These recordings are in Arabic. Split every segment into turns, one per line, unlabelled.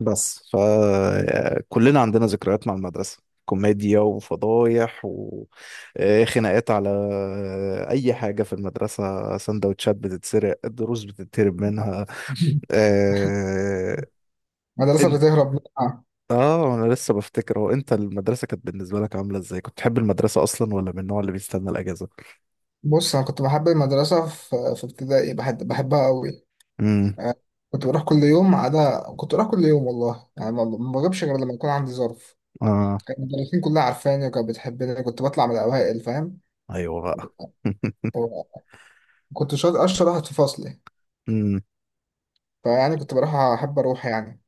بس فكلنا عندنا ذكريات مع المدرسة، كوميديا وفضايح وخناقات على أي حاجة في المدرسة، سندوتشات بتتسرق، الدروس بتتهرب منها. آه،
مدرسة
انت
بتهرب منها.
اه انا لسه بفتكر، هو انت، المدرسة كانت بالنسبة لك عاملة ازاي؟ كنت تحب المدرسة اصلا ولا من النوع اللي بيستنى الاجازة؟
بص، أنا كنت بحب المدرسة في ابتدائي، بحبها أوي.
امم.
كنت بروح كل يوم، ما عدا كنت بروح كل يوم والله، يعني ما بغيبش غير لما يكون عندي ظرف.
اه،
كان المدرسين كلها عارفاني وكانت بتحبني، كنت بطلع من الأوائل، فاهم.
ايوه بقى.
و- كنت شاطر، أشطر واحد في فصلي.
امم.
فيعني كنت بروح، أحب أروح يعني.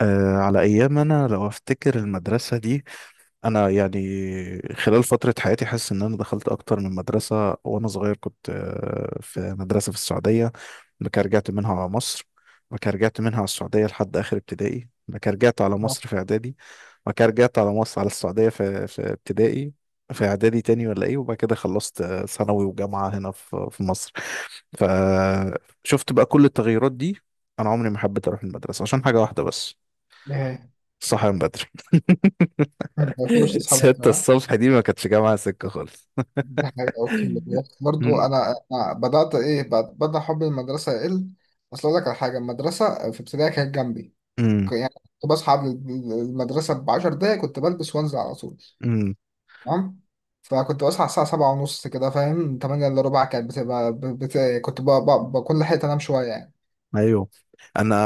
على ايام، انا لو افتكر المدرسة دي، انا يعني خلال فتره حياتي حاسس ان انا دخلت اكتر من مدرسه. وانا صغير كنت في مدرسه في السعوديه. بعد كده رجعت منها على مصر. بعد كده رجعت منها على السعوديه لحد اخر ابتدائي. بعد كده رجعت على
آه.
مصر في اعدادي. بعد كده رجعت على مصر على السعوديه في ابتدائي. في اعدادي تاني ولا ايه، وبعد كده خلصت ثانوي وجامعه هنا في مصر. فشفت بقى كل التغيرات دي. انا عمري ما حبيت اروح المدرسه عشان حاجه واحده بس:
إيه.
صحيان بدري.
ما بحبش تصحى
ستة
بدري، ها؟
الصبح دي ما كانتش جامعة سكة خالص.
دي حاجة أقسم بالله، برضه
مم.
أنا بدأت إيه، بدأ حب المدرسة يقل. أصل أقول لك على حاجة، المدرسة في ابتدائي كانت جنبي،
مم.
يعني كنت بصحى قبل المدرسة بعشر دقايق، كنت بلبس وانزل على طول.
مم.
تمام، فكنت بصحى الساعة سبعة ونص كده، فاهم، تمانية إلا ربع كانت بتبقى ب- بت... كنت ب... ب... بكون لحقت أنام شوية يعني.
ايوه. انا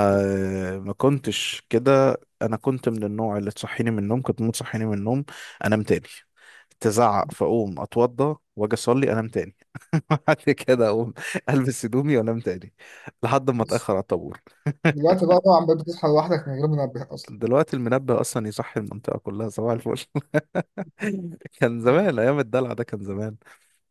ما كنتش كده. انا كنت من النوع اللي تصحيني من النوم، كنت ممكن تصحيني من النوم انام تاني. تزعق فاقوم اتوضى واجي اصلي انام تاني. بعد كده اقوم البس هدومي وانام تاني لحد ما
بس
اتاخر على الطابور.
دلوقتي بقى طبعا بقيت بتصحى لوحدك من غير منبه أصلا.
دلوقتي المنبه اصلا يصحي المنطقه كلها، صباح الفل. كان زمان، ايام الدلع ده كان زمان.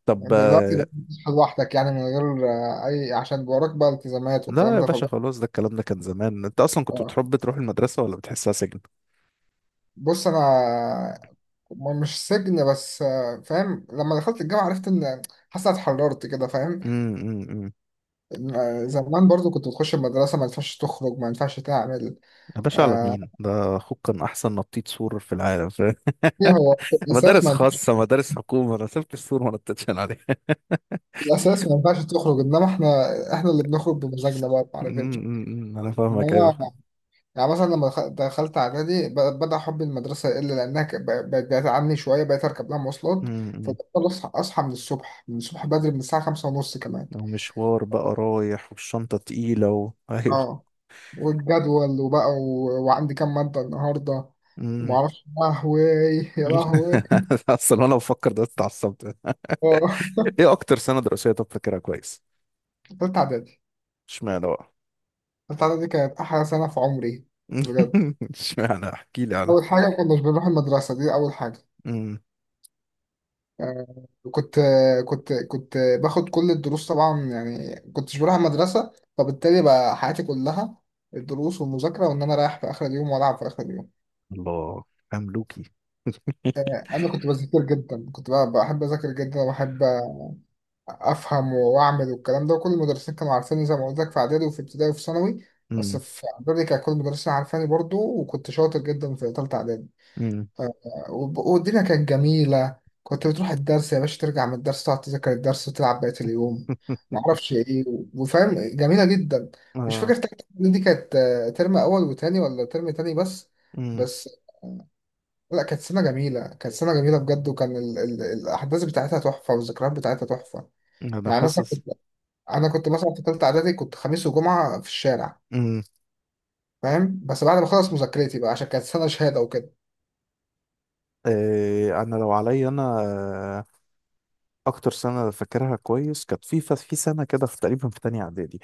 طب
يعني دلوقتي بقيت بتصحى لوحدك، يعني من غير أي، عشان وراك بقى التزامات
لا
والكلام
يا
ده،
باشا،
فبقى...
خلاص. ده الكلام ده كان زمان. انت اصلا كنت
آه.
بتحب تروح المدرسه ولا بتحسها سجن؟
بص أنا مش سجن، بس فاهم، لما دخلت الجامعة عرفت إن، حاسس إن أنا اتحررت كده، فاهم.
امم. أمم، أمم.
زمان برضو كنت بتخش المدرسة، ما ينفعش تخرج، ما ينفعش تعمل.
يا باشا على
آه،
مين؟ ده اخوك كان احسن نطيط سور في العالم، فاهم؟
إيه، هو في الأساس
مدارس
ما ينفعش،
خاصه، مدارس حكومه، انا سبت السور ما نطيتش أنا عليه.
في الأساس ما ينفعش تخرج، إنما إحنا اللي بنخرج بمزاجنا بقى،
أمم،
بمعرفتنا.
أمم، أمم. انا
إنما
فاهمك، ايوه.
يعني مثلا لما دخلت إعدادي، بدأ حب المدرسة يقل، لأنها بقت بعيدة عني شوية، بقيت أركب لها مواصلات،
أمم، أمم.
فبضطر أصحى، أصحى من الصبح، بدري، من الساعة خمسة ونص كمان.
لو مشوار بقى رايح والشنطه تقيله ايوه.
أه، والجدول وبقى و... وعندي كام مادة النهاردة،
أمم.
ومعرفش، يا لهوي، يا لهوي.
اصلا وانا بفكر، دلوقتي اتعصبت.
أه.
ايه اكتر سنه دراسيه طب فاكرها كويس؟
تالتة إعدادي،
اشمعنى بقى؟
التالتة دي كانت أحلى سنة في عمري، بجد.
اشمعنى؟ احكي لي على.
أول حاجة، ما كناش بنروح المدرسة، دي أول حاجة.
أمم.
آه، كنت كنت باخد كل الدروس طبعا، يعني كنتش بروح المدرسة، فبالتالي بقى حياتي كلها الدروس والمذاكرة، وإن أنا رايح في آخر اليوم وألعب في آخر اليوم.
الله، مملوكي.
أنا كنت بذاكر جدا، كنت بقى بحب أذاكر جدا، وبحب أفهم وأعمل والكلام ده، وكل المدرسين كانوا عارفيني زي ما قلت لك، في إعدادي وفي ابتدائي وفي ثانوي. بس
أمم،
في إعدادي كان كل المدرسين عارفاني برضو، وكنت شاطر جدا في تالتة إعدادي.
أمم.
آه، والدنيا كانت جميلة، كنت بتروح الدرس يا باشا، ترجع من الدرس تقعد تذاكر الدرس، وتلعب بقية اليوم. معرفش ايه، وفاهم، جميلة جدا. مش
اه.
فاكر تالتة إعدادي دي كانت ترم أول وتاني، ولا ترم تاني بس. بس لا، كانت سنة جميلة، كانت سنة جميلة بجد، وكان ال ال الأحداث بتاعتها تحفة، والذكريات بتاعتها تحفة.
انا
يعني مثلا
حاسس
كنت، أنا كنت مثلا في تالتة إعدادي كنت خميس وجمعة في الشارع،
امم
فاهم، بس بعد ما أخلص مذاكرتي بقى، عشان كانت سنة شهادة وكده.
إيه، انا لو عليا انا اكتر سنه فاكرها كويس كانت في في سنه كده، في تقريبا في تانية اعدادي.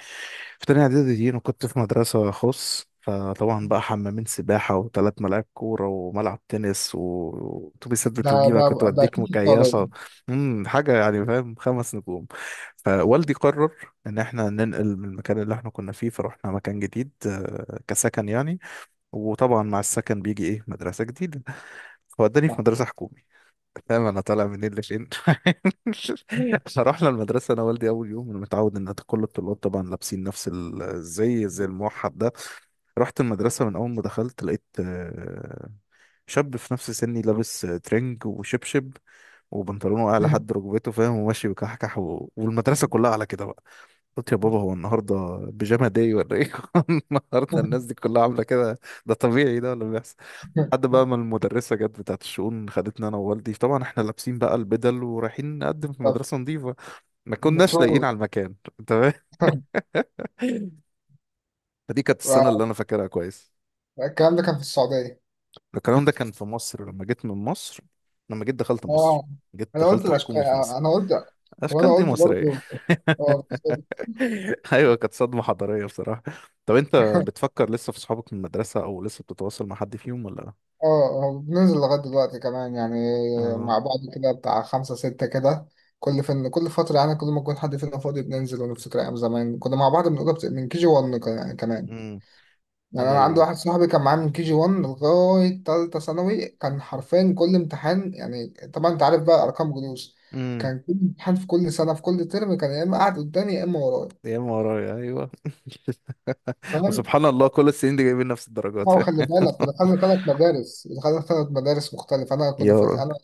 في تانية اعدادي دي انا كنت في مدرسه خاص، فطبعا بقى حمامين سباحه و3 ملاعب كوره وملعب تنس واتوبيسات
ده ده
بتجيبك
ده
وتوديك
أكيد في
مكيفه. حاجه يعني، فاهم، 5 نجوم. فوالدي قرر ان احنا ننقل من المكان اللي احنا كنا فيه، فروحنا مكان جديد كسكن يعني. وطبعا مع السكن بيجي ايه؟ مدرسه جديده. فوداني في
السعودية.
مدرسة حكومي. فاهم انا طالع منين لفين؟ فرحنا المدرسة انا والدي، اول يوم انا متعود ان كل الطلاب طبعا لابسين نفس الزي، زي الموحد ده. رحت المدرسة، من اول ما دخلت لقيت شاب في نفس سني لابس ترنج وشبشب وبنطلونه اعلى لحد ركبته، فاهم، وماشي بكحكح و... والمدرسة كلها على كده بقى. قلت يا بابا، هو النهارده بيجاما داي ولا ايه؟ النهارده الناس دي كلها عاملة كده؟ ده طبيعي ده ولا بيحصل؟
بس
لحد بقى ما المدرسة جت بتاعت الشؤون، خدتنا أنا ووالدي، طبعا احنا لابسين بقى البدل ورايحين نقدم في مدرسة نظيفة، ما كناش لاقيين
المفروض.
على المكان. تمام. فدي كانت السنة اللي أنا فاكرها كويس.
الكلام ده كان في السعودية.
الكلام ده كان في مصر، لما جيت من مصر، لما جيت دخلت مصر،
اه،
جيت
انا قلت
دخلت
الاشكال،
حكومي في مصر.
انا قلت، هو انا
أشكال دي
قلت
مصرية.
برضه. اه، بالظبط.
أيوة، كانت صدمة حضارية بصراحة. طب أنت بتفكر لسه في صحابك من المدرسة أو لسه بتتواصل مع حد فيهم ولا؟
اه، آه، بننزل لغاية دلوقتي كمان يعني،
آه.
مع بعض كده، بتاع خمسة ستة كده، كل فين كل فترة، يعني كل ما يكون حد فينا فاضي بننزل ونفتكر أيام زمان، كنا مع بعض من أوضة من كي جي 1 كمان.
امم.
يعني
أنا
انا عندي
ال...
واحد صاحبي كان معايا من كي جي 1 لغايه تالتة ثانوي، كان حرفيا كل امتحان يعني، طبعا انت عارف بقى ارقام جلوس،
مم.
كان كل امتحان في كل سنه في كل ترم، كان يا اما قاعد قدامي يا اما ورايا.
يا اما ورايا، ايوه.
فاهم،
وسبحان الله كل السنين دي جايبين نفس الدرجات.
هو خلي بالك، ودخلنا ثلاث مدارس، مختلفه، انا كنا
يا
في
راجل.
انا،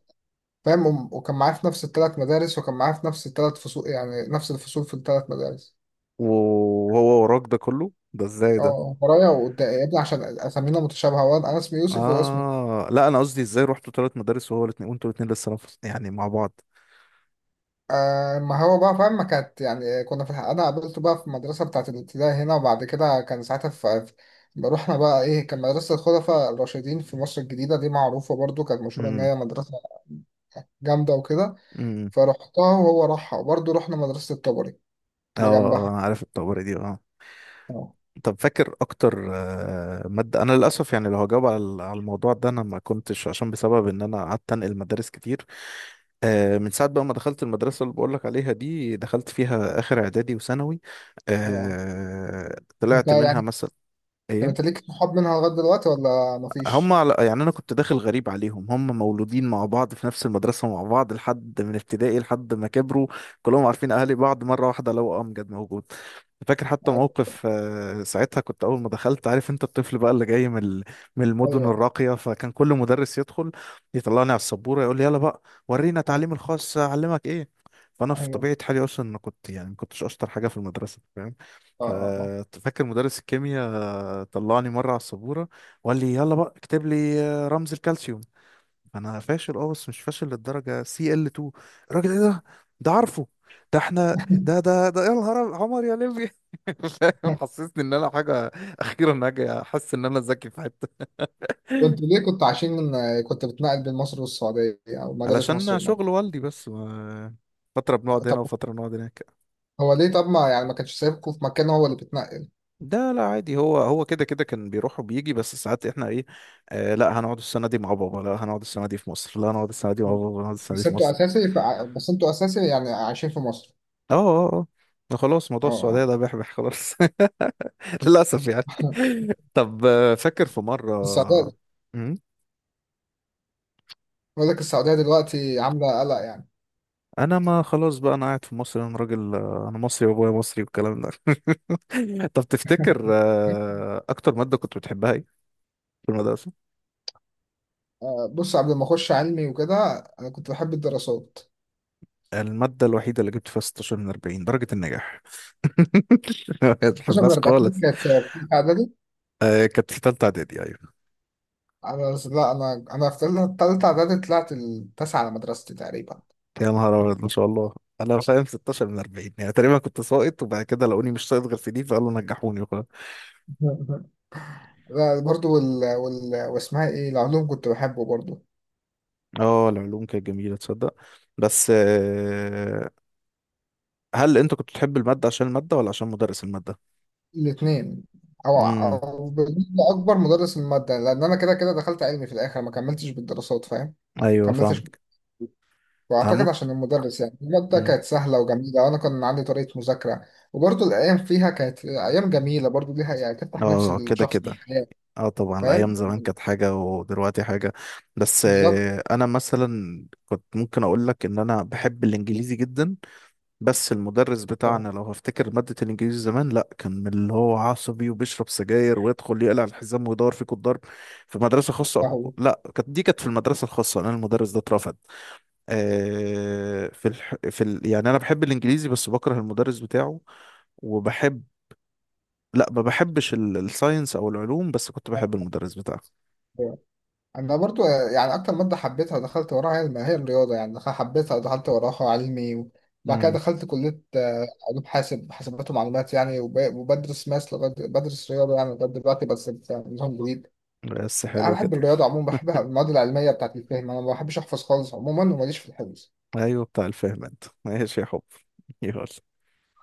فاهم، وكان معايا في نفس الثلاث مدارس، وكان معايا في نفس الثلاث فصول، يعني نفس الفصول في الثلاث مدارس.
وهو وراك ده كله، ده ازاي ده؟
اه، ورايا وقدام يا ابني، عشان اسامينا متشابهه، أنا اسمي يوسف، وهو اسمه.
اه، لا انا قصدي، ازاي رحتوا 3 مدارس وهو الاثنين وانتوا الاثنين لسه نفس يعني مع بعض؟
آه، ما هو بقى فاهم، ما كانت يعني، كنا في الحق انا قابلته بقى في المدرسه بتاعت الابتدائي هنا، وبعد كده كان ساعتها رحنا بقى ايه، كان مدرسه الخلفاء الراشدين في مصر الجديده، دي معروفه برضو، كانت مشهوره ان
امم.
هي مدرسه جامده وكده.
امم.
فرحتها وهو راحها، وبرضو رحنا مدرسه الطبري
اه.
اللي جنبها.
انا عارف الطبري دي، اه.
اه،
طب فاكر اكتر ماده. انا للاسف يعني لو هجاوب على على الموضوع ده، انا ما كنتش، عشان بسبب ان انا قعدت انقل مدارس كتير. من ساعه بقى ما دخلت المدرسه اللي بقول لك عليها دي، دخلت فيها اخر اعدادي وثانوي.
اه. انت
طلعت منها
يعني،
مثلا،
طب انت
ايه.
ليك صحاب منها لغايه دلوقتي ولا مفيش؟
يعني انا كنت داخل غريب عليهم، هم مولودين مع بعض في نفس المدرسه، مع بعض لحد من ابتدائي لحد ما كبروا. كلهم عارفين اهالي بعض، مره واحده لو امجد موجود. فاكر حتى موقف ساعتها، كنت اول ما دخلت عارف انت الطفل بقى اللي جاي من من المدن
ايوه،
الراقيه، فكان كل مدرس يدخل يطلعني على السبوره يقول لي يلا بقى، ورينا تعليم
ايوه،
الخاص، اعلمك ايه. فانا في
ايوه،
طبيعه حالي اصلا، انا كنت يعني ما كنتش اشطر حاجه في المدرسه، فاهم.
اه، اه، اه.
ففاكر مدرس الكيمياء طلعني مره على السبوره وقال لي يلا بقى اكتب لي رمز الكالسيوم. انا فاشل، اه بس مش فاشل للدرجه، سي ال 2. الراجل، ايه ده؟ ده عارفه؟ ده احنا، ده يا نهار، عمر يا ليبي. فاهم؟ حسسني ان انا حاجه، اخيرا هاجي احس ان انا ذكي في حته.
كنت ليه، كنت عايشين من، كنت بتنقل بين مصر والسعوديه، او مدارس مصر
علشان شغل والدي بس فتره بنقعد هنا
والمغرب؟
وفتره نقعد هناك.
هو ليه طب، ما يعني ما كانش سايبكم في مكان هو اللي بيتنقل؟
ده لا، عادي. هو كده كده كان بيروح وبيجي، بس ساعات احنا ايه. آه، لا هنقعد السنه دي مع بابا، لا هنقعد السنه دي في مصر، لا هنقعد السنه دي مع بابا، هنقعد السنه دي في مصر.
بس انتوا اساسي يعني عايشين في مصر؟
اه، اه، اه. خلاص، موضوع السعودية
اه.
ده بيحبح خلاص. للأسف يعني.
آه.
طب فاكر في
السعودية.
مرة؟ مم.
بقول لك السعودية دلوقتي عاملة قلق يعني.
أنا ما خلاص بقى، أنا قاعد في مصر، أنا راجل أنا مصري وأبويا مصري والكلام ده. طب تفتكر أكتر مادة كنت بتحبها إيه في المدرسة؟
آه، بص قبل ما اخش علمي وكده، انا كنت بحب الدراسات،
المادة الوحيدة اللي جبت فيها 16 من 40 درجة النجاح. ما
خصوصا من
بتحبهاش
40، دي
خالص.
كانت في تالتة اعدادي.
كانت في تالتة إعدادي، أيوة.
انا لا انا انا في تالتة اعدادي طلعت التاسعة على مدرستي تقريبا.
يا نهار ابيض، ما شاء الله. انا فاهم، 16 من 40 يعني تقريبا كنت ساقط، وبعد كده لقوني مش ساقط غير في دي فقالوا نجحوني وخلاص.
لا برضو، وال... وال... واسمها ايه، العلوم كنت بحبه برضو.
اه، العلوم كانت جميله تصدق. بس هل انت كنت بتحب الماده عشان الماده ولا عشان مدرس الماده؟
الاثنين،
امم.
او بالنسبه اكبر مدرس الماده، لان انا كده كده دخلت علمي في الاخر، ما كملتش بالدراسات، فاهم،
ايوه
كملتش.
فاهمك. انا
واعتقد
ممكن
عشان المدرس، يعني الماده
مم.
كانت سهله وجميله، وانا كان عندي طريقه مذاكره. وبرضه الايام فيها كانت ايام جميله برضه، ليها يعني تفتح نفس
اه، كده
الشخص
كده.
للحياه،
اه طبعا الايام
فاهم،
زمان كانت حاجه ودلوقتي حاجه. بس
بالظبط.
انا مثلا كنت ممكن اقول لك ان انا بحب الانجليزي جدا. بس المدرس بتاعنا،
اه،
لو هفتكر مادة الإنجليزي زمان، لأ كان من اللي هو عصبي وبيشرب سجاير ويدخل يقلع الحزام ويدور فيك الضرب. في مدرسة خاصة أو
فهو.
حكومة؟ لأ، كانت دي كانت في المدرسة الخاصة، أنا المدرس ده اترفض. في الح... في ال... يعني أنا بحب الإنجليزي بس بكره المدرس بتاعه. وبحب، لأ ما بحبش الساينس أو العلوم، بس كنت بحب المدرس بتاعه.
انا برضو يعني اكتر ماده حبيتها ودخلت وراها هي، ما هي الرياضه يعني، حبيتها ودخلت وراها علمي. وبعد كده
مم.
دخلت كليه، آه، علوم حاسب، حاسبات ومعلومات يعني، وبدرس ماس لغايه، بدرس رياضه يعني لغايه دلوقتي، بس نظام جديد.
بس
انا
حلو كده.
بحب الرياضه عموما، بحبها، المواد العلميه بتاعت الفهم، انا ما بحبش احفظ خالص عموما، وماليش في الحفظ
أيوه، بتاع الفهم. أنت ماشي يا حب، يلا.